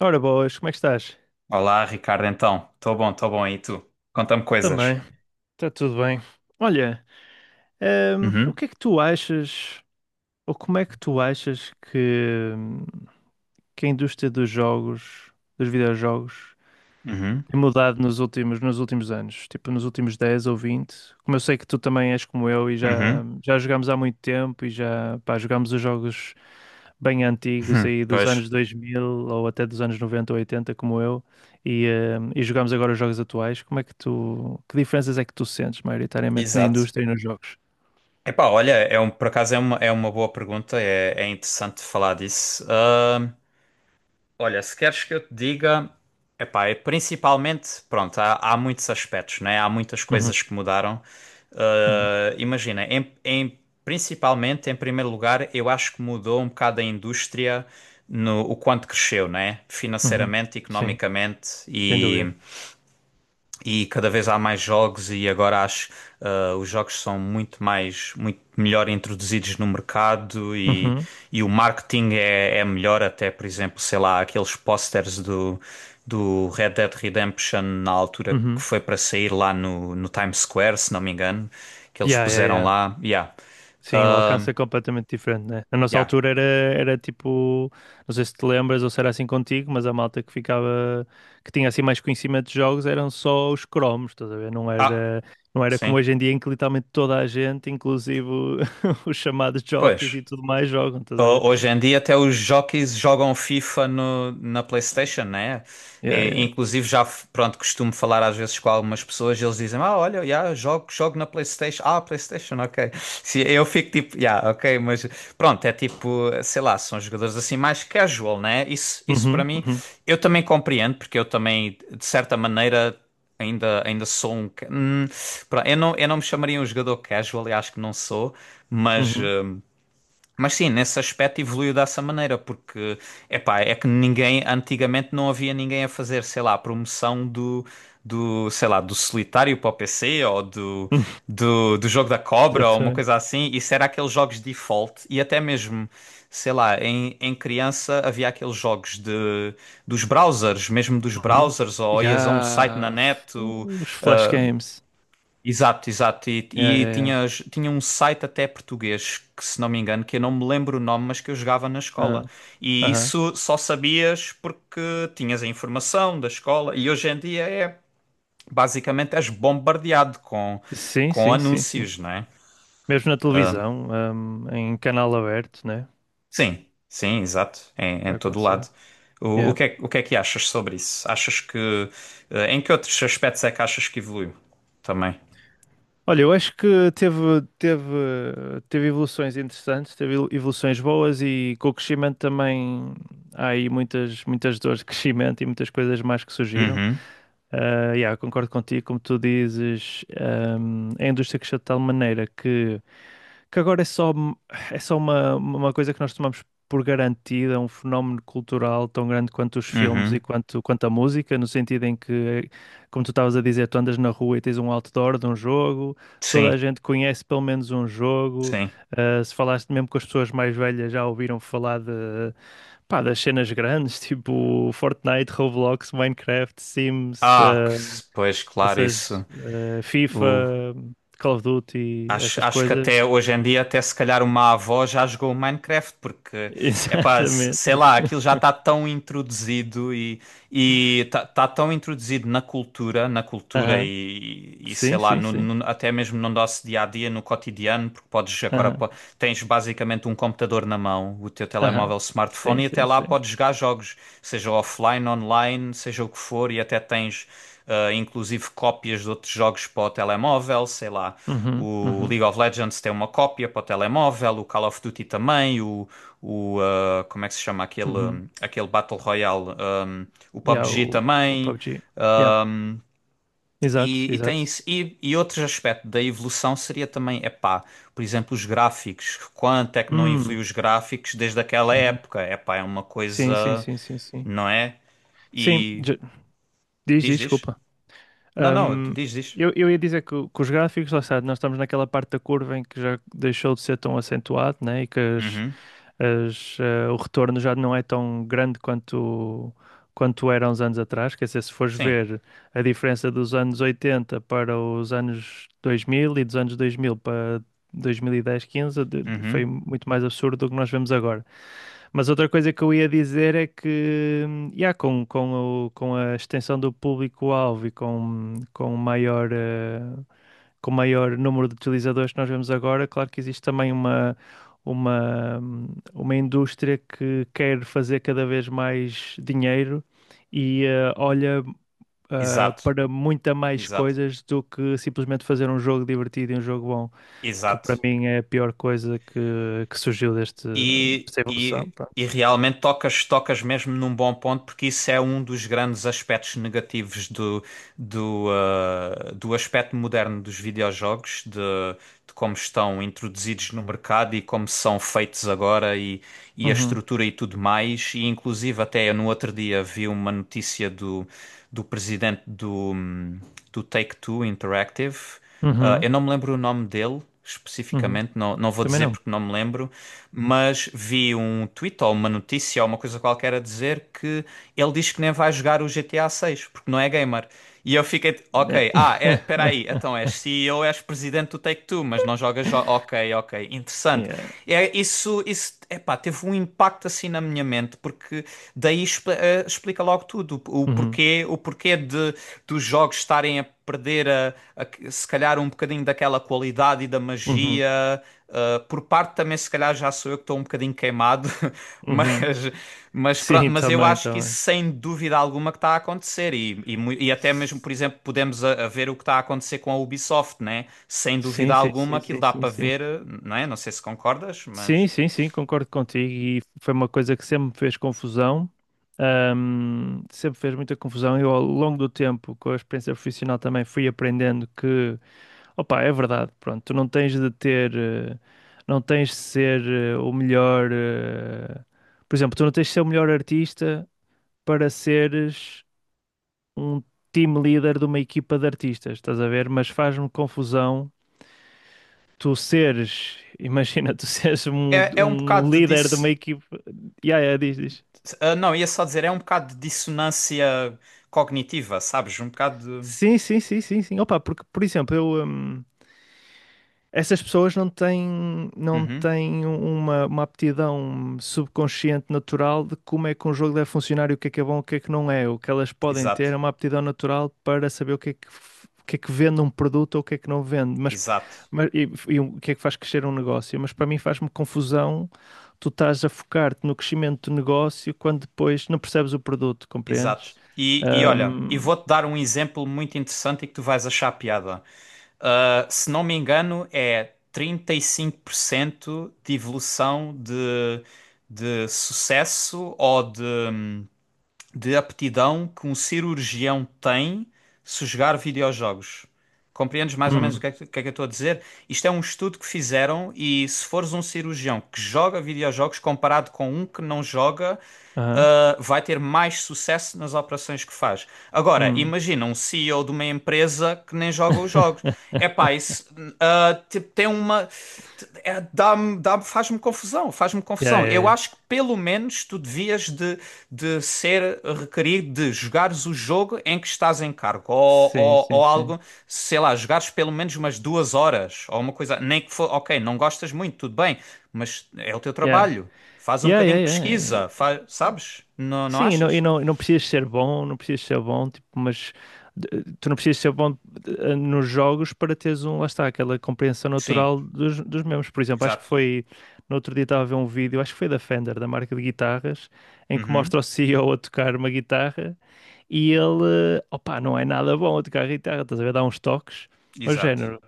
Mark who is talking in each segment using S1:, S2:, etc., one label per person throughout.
S1: Ora boas, como é que estás?
S2: Olá, Ricardo, então. Estou bom, estou bom. E tu? Conta-me coisas.
S1: Também, está tudo bem. Olha, o
S2: Uhum,
S1: que é que tu achas, ou como é que tu achas que a indústria dos jogos, dos videojogos,
S2: uhum,
S1: tem mudado nos últimos anos? Tipo, nos últimos 10 ou 20. Como eu sei que tu também és como eu e
S2: uhum,
S1: já jogámos há muito tempo e já, pá, jogámos os jogos bem antigos
S2: uhum.
S1: aí dos
S2: Pois.
S1: anos 2000 ou até dos anos 90 ou 80, como eu, e jogamos agora os jogos atuais. Como é que tu, que diferenças é que tu sentes maioritariamente na
S2: Exato.
S1: indústria e nos jogos?
S2: Epá, olha, por acaso é uma boa pergunta, é interessante falar disso. Olha, se queres que eu te diga, epá, é principalmente, pronto, há muitos aspectos, né? Há muitas
S1: Uhum,
S2: coisas que mudaram.
S1: uhum,
S2: Imagina, principalmente, em primeiro lugar, eu acho que mudou um bocado a indústria no o quanto cresceu, né?
S1: uhum.
S2: Financeiramente,
S1: Sim,
S2: economicamente
S1: sem
S2: e
S1: dúvida.
S2: e cada vez há mais jogos. E agora acho, os jogos são muito mais, muito melhor introduzidos no mercado, e,
S1: Uhum,
S2: e o marketing é melhor. Até, por exemplo, sei lá, aqueles posters do Red Dead Redemption na altura que
S1: uhum.
S2: foi para sair lá no Times Square, se não me engano, que eles
S1: Yeah, yeah,
S2: puseram
S1: yeah.
S2: lá, yeah.
S1: Sim, o
S2: Ah,
S1: alcance é completamente diferente, né? Na nossa
S2: yeah.
S1: altura era tipo, não sei se te lembras ou se era assim contigo, mas a malta que ficava, que tinha assim mais conhecimento de jogos eram só os cromos, estás a ver? Não
S2: Ah,
S1: era, não era como
S2: sim.
S1: hoje em dia em que literalmente toda a gente, inclusive os chamados jockeys
S2: Pois.
S1: e tudo mais, jogam, estás a ver?
S2: Hoje em dia até os jockeys jogam FIFA na PlayStation, né?
S1: Yeah,
S2: E
S1: yeah.
S2: inclusive já, pronto, costumo falar às vezes com algumas pessoas e eles dizem, ah, olha, yeah, jogo na PlayStation. Ah, PlayStation, ok. Eu fico tipo, yeah, ok, mas pronto, é tipo, sei lá, são jogadores assim mais casual, né? Isso para
S1: Uhum,
S2: mim,
S1: uhum,
S2: eu também compreendo, porque eu também, de certa maneira, ainda sou um, pronto, eu não me chamaria um jogador casual, e acho que não sou, mas.
S1: uhum.
S2: hum, mas sim, nesse aspecto evoluiu dessa maneira, porque epá, é que ninguém, antigamente, não havia ninguém a fazer, sei lá, a promoção sei lá, do Solitário para o PC, ou do, do, do jogo da cobra, ou uma
S1: Exatamente.
S2: coisa assim. Isso era aqueles jogos default. E até mesmo, sei lá, em criança, havia aqueles jogos dos browsers, mesmo dos
S1: Uhum.
S2: browsers, ou ias a um site na
S1: Yeah.
S2: net.
S1: Os flash games.
S2: Exato, exato. E,
S1: Yeah,
S2: e
S1: yeah, yeah.
S2: tinhas, tinha um site até português, que, se não me engano, que eu não me lembro o nome, mas que eu jogava na escola.
S1: Ah,
S2: E
S1: aham.
S2: isso só sabias porque tinhas a informação da escola. E hoje em dia basicamente és bombardeado com,
S1: Sim,
S2: com
S1: sim, sim, sim.
S2: anúncios, não é?
S1: Mesmo na
S2: Ah,
S1: televisão, em canal aberto, né?
S2: sim, sim, exato. Em
S1: Já
S2: todo
S1: aconteceu.
S2: lado. O, o
S1: Yeah.
S2: que é, o que é que achas sobre isso? Achas que, em que outros aspectos é que achas que evoluiu também?
S1: Olha, eu acho que teve evoluções interessantes, teve evoluções boas e com o crescimento também há aí muitas, muitas dores de crescimento e muitas coisas mais que surgiram.
S2: Uhum,
S1: Ah, yeah, concordo contigo, como tu dizes, a indústria cresceu de tal maneira que agora é só, uma, coisa que nós tomamos por garantida, é um fenómeno cultural tão grande quanto os filmes e
S2: uhum.
S1: quanto a música, no sentido em que, como tu estavas a dizer, tu andas na rua e tens um outdoor de um jogo, toda a
S2: Sim,
S1: gente conhece pelo menos um jogo,
S2: sim.
S1: ah, se falaste mesmo com as pessoas mais velhas já ouviram falar de, pá, das cenas grandes, tipo Fortnite, Roblox, Minecraft, Sims,
S2: Ah,
S1: ah,
S2: pois claro, isso.
S1: essas, ah, FIFA,
S2: O,
S1: Call of Duty,
S2: acho,
S1: essas
S2: acho que até
S1: coisas.
S2: hoje em dia, até se calhar uma avó já jogou o Minecraft, porque, é pá,
S1: Exatamente.
S2: sei lá, aquilo já está tão introduzido e está tão introduzido na cultura,
S1: Aham.
S2: e, sei
S1: Sim,
S2: lá,
S1: sim, sim.
S2: até mesmo no nosso dia a dia, no cotidiano, porque podes agora
S1: Aham.
S2: tens basicamente um computador na mão, o teu
S1: Aham.
S2: telemóvel,
S1: Sim,
S2: smartphone, e até
S1: sim,
S2: lá
S1: sim.
S2: podes jogar jogos, seja offline, online, seja o que for. E até tens, inclusive, cópias de outros jogos para o telemóvel, sei lá.
S1: Uhum,
S2: O
S1: uhum,
S2: League of Legends tem uma cópia para o telemóvel, o Call of Duty também, como é que se chama
S1: uhum.
S2: aquele, Battle Royale? O
S1: E há
S2: PUBG
S1: o
S2: também.
S1: PUBG. Yeah. Exato,
S2: E tem
S1: exato.
S2: isso. E outro aspecto da evolução seria também, epá, por exemplo, os gráficos. Quanto é que não
S1: Hum.
S2: evoluiu os gráficos desde aquela
S1: Uhum.
S2: época? Epá, é uma
S1: Sim, sim,
S2: coisa,
S1: sim, sim, sim.
S2: não é?
S1: Sim,
S2: E
S1: diz, diz,
S2: diz, diz.
S1: desculpa.
S2: Não, não,
S1: Um,
S2: diz, diz.
S1: eu ia dizer que, que os gráficos, lá está, nós estamos naquela parte da curva em que já deixou de ser tão acentuado, né? E que
S2: Uhum.
S1: o retorno já não é tão grande quanto era uns anos atrás. Quer dizer, se fores
S2: Sim.
S1: ver a diferença dos anos 80 para os anos 2000 e dos anos 2000 para 2010, 15, foi
S2: Uhum.
S1: muito mais absurdo do que nós vemos agora. Mas outra coisa que eu ia dizer é que, yeah, com a extensão do público-alvo e com o maior número de utilizadores que nós vemos agora, claro que existe também uma, hum, uma indústria que quer fazer cada vez mais dinheiro e olha, ah,
S2: Exato,
S1: para muita mais
S2: exato,
S1: coisas do que simplesmente fazer um jogo divertido e um jogo bom, que para
S2: exato.
S1: mim é a pior coisa que surgiu
S2: e,
S1: desta
S2: e,
S1: evolução.
S2: e
S1: Pronto.
S2: realmente tocas mesmo num bom ponto, porque isso é um dos grandes aspectos negativos do aspecto moderno dos videojogos, de como estão introduzidos no mercado e como são feitos agora, e a estrutura e tudo mais. E inclusive, até eu, no outro dia, vi uma notícia do presidente do Take-Two Interactive.
S1: Uhum,
S2: Eu não me lembro o nome dele
S1: uhum.
S2: especificamente, não vou
S1: Também
S2: dizer
S1: não.
S2: porque não me lembro, mas vi um tweet ou uma notícia ou uma coisa qualquer a dizer que ele diz que nem vai jogar o GTA 6 porque não é gamer. E eu fiquei,
S1: Yeah.
S2: ok, é, espera aí, então és CEO, és presidente do Take-Two, mas não jogas, jo ok, ok, interessante.
S1: Yeah.
S2: É, isso, epá, teve um impacto assim na minha mente, porque daí explica logo tudo, o o
S1: Uhum,
S2: porquê, o porquê dos jogos estarem a perder a, se calhar, um bocadinho daquela qualidade e da
S1: uhum,
S2: magia, por parte. Também se calhar já sou eu que estou um bocadinho queimado,
S1: uhum.
S2: mas, mas, pro-
S1: Sim,
S2: mas eu
S1: também,
S2: acho que isso,
S1: também.
S2: sem dúvida alguma, que está a acontecer. E até mesmo, por exemplo, podemos a ver o que está a acontecer com a Ubisoft, né? Sem
S1: Sim,
S2: dúvida
S1: sim,
S2: alguma,
S1: sim,
S2: aquilo
S1: sim,
S2: dá
S1: sim,
S2: para
S1: sim.
S2: ver, não é? Não sei se concordas,
S1: Sim,
S2: mas...
S1: sim, sim, concordo contigo. E foi uma coisa que sempre me fez confusão. Sempre fez muita confusão. Eu, ao longo do tempo, com a experiência profissional, também fui aprendendo que, opa, é verdade, pronto, tu não tens de ter, não tens de ser o melhor. Por exemplo, tu não tens de ser o melhor artista para seres um team leader de uma equipa de artistas, estás a ver? Mas faz-me confusão tu seres, imagina, tu seres
S2: É um
S1: um
S2: bocado de
S1: líder de uma
S2: dis...
S1: equipa. Ya, ya, diz, diz.
S2: não, ia só dizer, é um bocado de dissonância cognitiva, sabes? Um bocado de...
S1: Sim, sim, sim, sim, sim. Opa, porque, por exemplo, eu. Essas pessoas não
S2: Uhum.
S1: têm uma aptidão subconsciente natural de como é que um jogo deve funcionar e o que é bom, o que é que não é. O que elas podem
S2: Exato,
S1: ter é uma aptidão natural para saber o que é que, o que é que vende um produto ou o que é que não vende,
S2: exato,
S1: e o que é que faz crescer um negócio. Mas para mim faz-me confusão tu estás a focar-te no crescimento do negócio quando depois não percebes o produto,
S2: exato.
S1: compreendes?
S2: Olha,
S1: Ahm,
S2: vou-te dar um exemplo muito interessante e que tu vais achar piada. Ah, se não me engano, é 35% de evolução de sucesso ou de aptidão que um cirurgião tem se jogar videojogos. Compreendes mais ou menos o
S1: hum,
S2: que é que, eu estou a dizer? Isto é um estudo que fizeram, e se fores um cirurgião que joga videojogos, comparado com um que não joga,
S1: aham,
S2: vai ter mais sucesso nas operações que faz. Agora,
S1: hum.
S2: imagina um CEO de uma empresa que nem joga os jogos. Epá, isso, tipo, tem uma. É, dá-me, faz-me confusão, faz-me
S1: Yeah,
S2: confusão.
S1: yeah,
S2: Eu
S1: yeah.
S2: acho que pelo menos tu devias de ser requerido de jogares o jogo em que estás em cargo, ou,
S1: Sim,
S2: ou,
S1: sim,
S2: ou
S1: sim.
S2: algo, sei lá, jogares pelo menos umas 2 horas, ou uma coisa, nem que for. Ok, não gostas muito, tudo bem, mas é o teu
S1: Yeah.
S2: trabalho. Faz um
S1: Yeah, yeah,
S2: bocadinho de
S1: yeah.
S2: pesquisa, faz, sabes? Não, não
S1: Sim, e
S2: achas?
S1: e não precisas ser bom, não precisas ser bom, tipo, mas tu não precisas ser bom nos jogos para teres um, lá está, aquela compreensão
S2: Sim,
S1: natural dos mesmos. Por exemplo, acho que
S2: exato.
S1: foi, no outro dia estava a ver um vídeo, acho que foi da Fender, da marca de guitarras, em que
S2: Uhum,
S1: mostra o CEO a tocar uma guitarra e ele, opá, não é nada bom a tocar guitarra, estás a ver, dá uns toques, mas
S2: exato.
S1: género.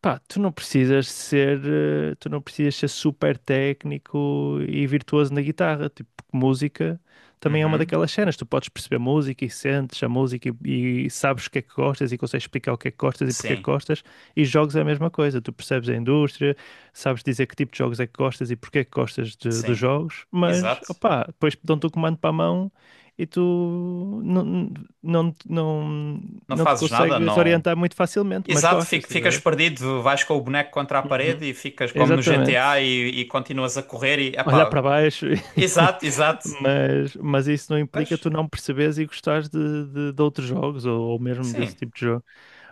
S1: Pá, tu não precisas ser, super técnico e virtuoso na guitarra, tipo, porque música também é uma
S2: Uhum,
S1: daquelas cenas, tu podes perceber música e sentes a música e sabes o que é que gostas e consegues explicar o que é que gostas e porque é que
S2: sim,
S1: gostas, e jogos é a mesma coisa, tu percebes a indústria, sabes dizer que tipo de jogos é que gostas e porque é que gostas dos
S2: sim,
S1: jogos, mas,
S2: exato.
S1: opá, depois dão-te o comando para a mão e tu não, não,
S2: Não
S1: não te
S2: fazes nada,
S1: consegues
S2: não.
S1: orientar muito facilmente, mas
S2: Exato,
S1: gostas, estás a
S2: ficas
S1: ver?
S2: perdido, vais com o boneco contra a parede
S1: Uhum.
S2: e ficas como no GTA,
S1: Exatamente.
S2: e continuas a correr e,
S1: Olhar
S2: epá,
S1: para baixo,
S2: exato, exato.
S1: mas isso não implica
S2: Mas
S1: tu não perceberes e gostares de outros jogos ou mesmo
S2: sim,
S1: desse tipo de jogo.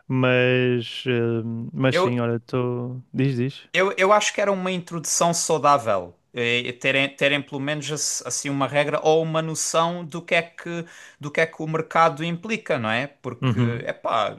S1: Mas, sim,
S2: eu,
S1: olha, estou. Diz, diz.
S2: eu acho que era uma introdução saudável. Terem pelo menos assim uma regra ou uma noção do que é que, o mercado implica, não é? Porque,
S1: Uhum.
S2: epá,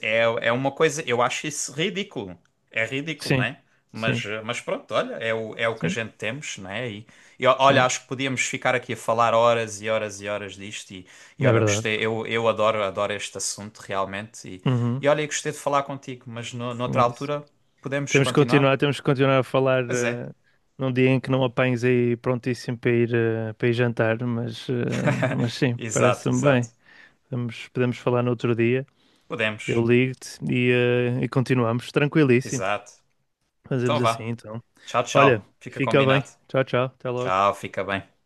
S2: É, é uma coisa, eu acho isso ridículo. É ridículo,
S1: Sim,
S2: né? Mas,
S1: sim,
S2: eh, mas pronto, olha, é o, que a
S1: sim,
S2: gente temos, né? E olha,
S1: sim,
S2: acho que podíamos ficar aqui a falar horas e horas e horas disto. E
S1: na
S2: olha,
S1: verdade.
S2: gostei, eu adoro, este assunto realmente. E,
S1: Uhum.
S2: e olha, eu gostei de falar contigo, mas no, noutra
S1: É isso.
S2: altura podemos continuar?
S1: Temos que continuar a falar
S2: Pois é,
S1: num dia em que não apanhes aí prontíssimo para ir, jantar, mas, sim,
S2: exato,
S1: parece-me
S2: exato.
S1: bem. Podemos falar no outro dia. Eu
S2: Podemos,
S1: ligo-te e continuamos. Tranquilíssimo.
S2: exato. Então
S1: Fazemos assim,
S2: vá,
S1: então.
S2: tchau,
S1: Olha,
S2: tchau. Fica
S1: fica bem.
S2: combinado.
S1: Tchau, tchau. Até logo.
S2: Tchau, fica bem.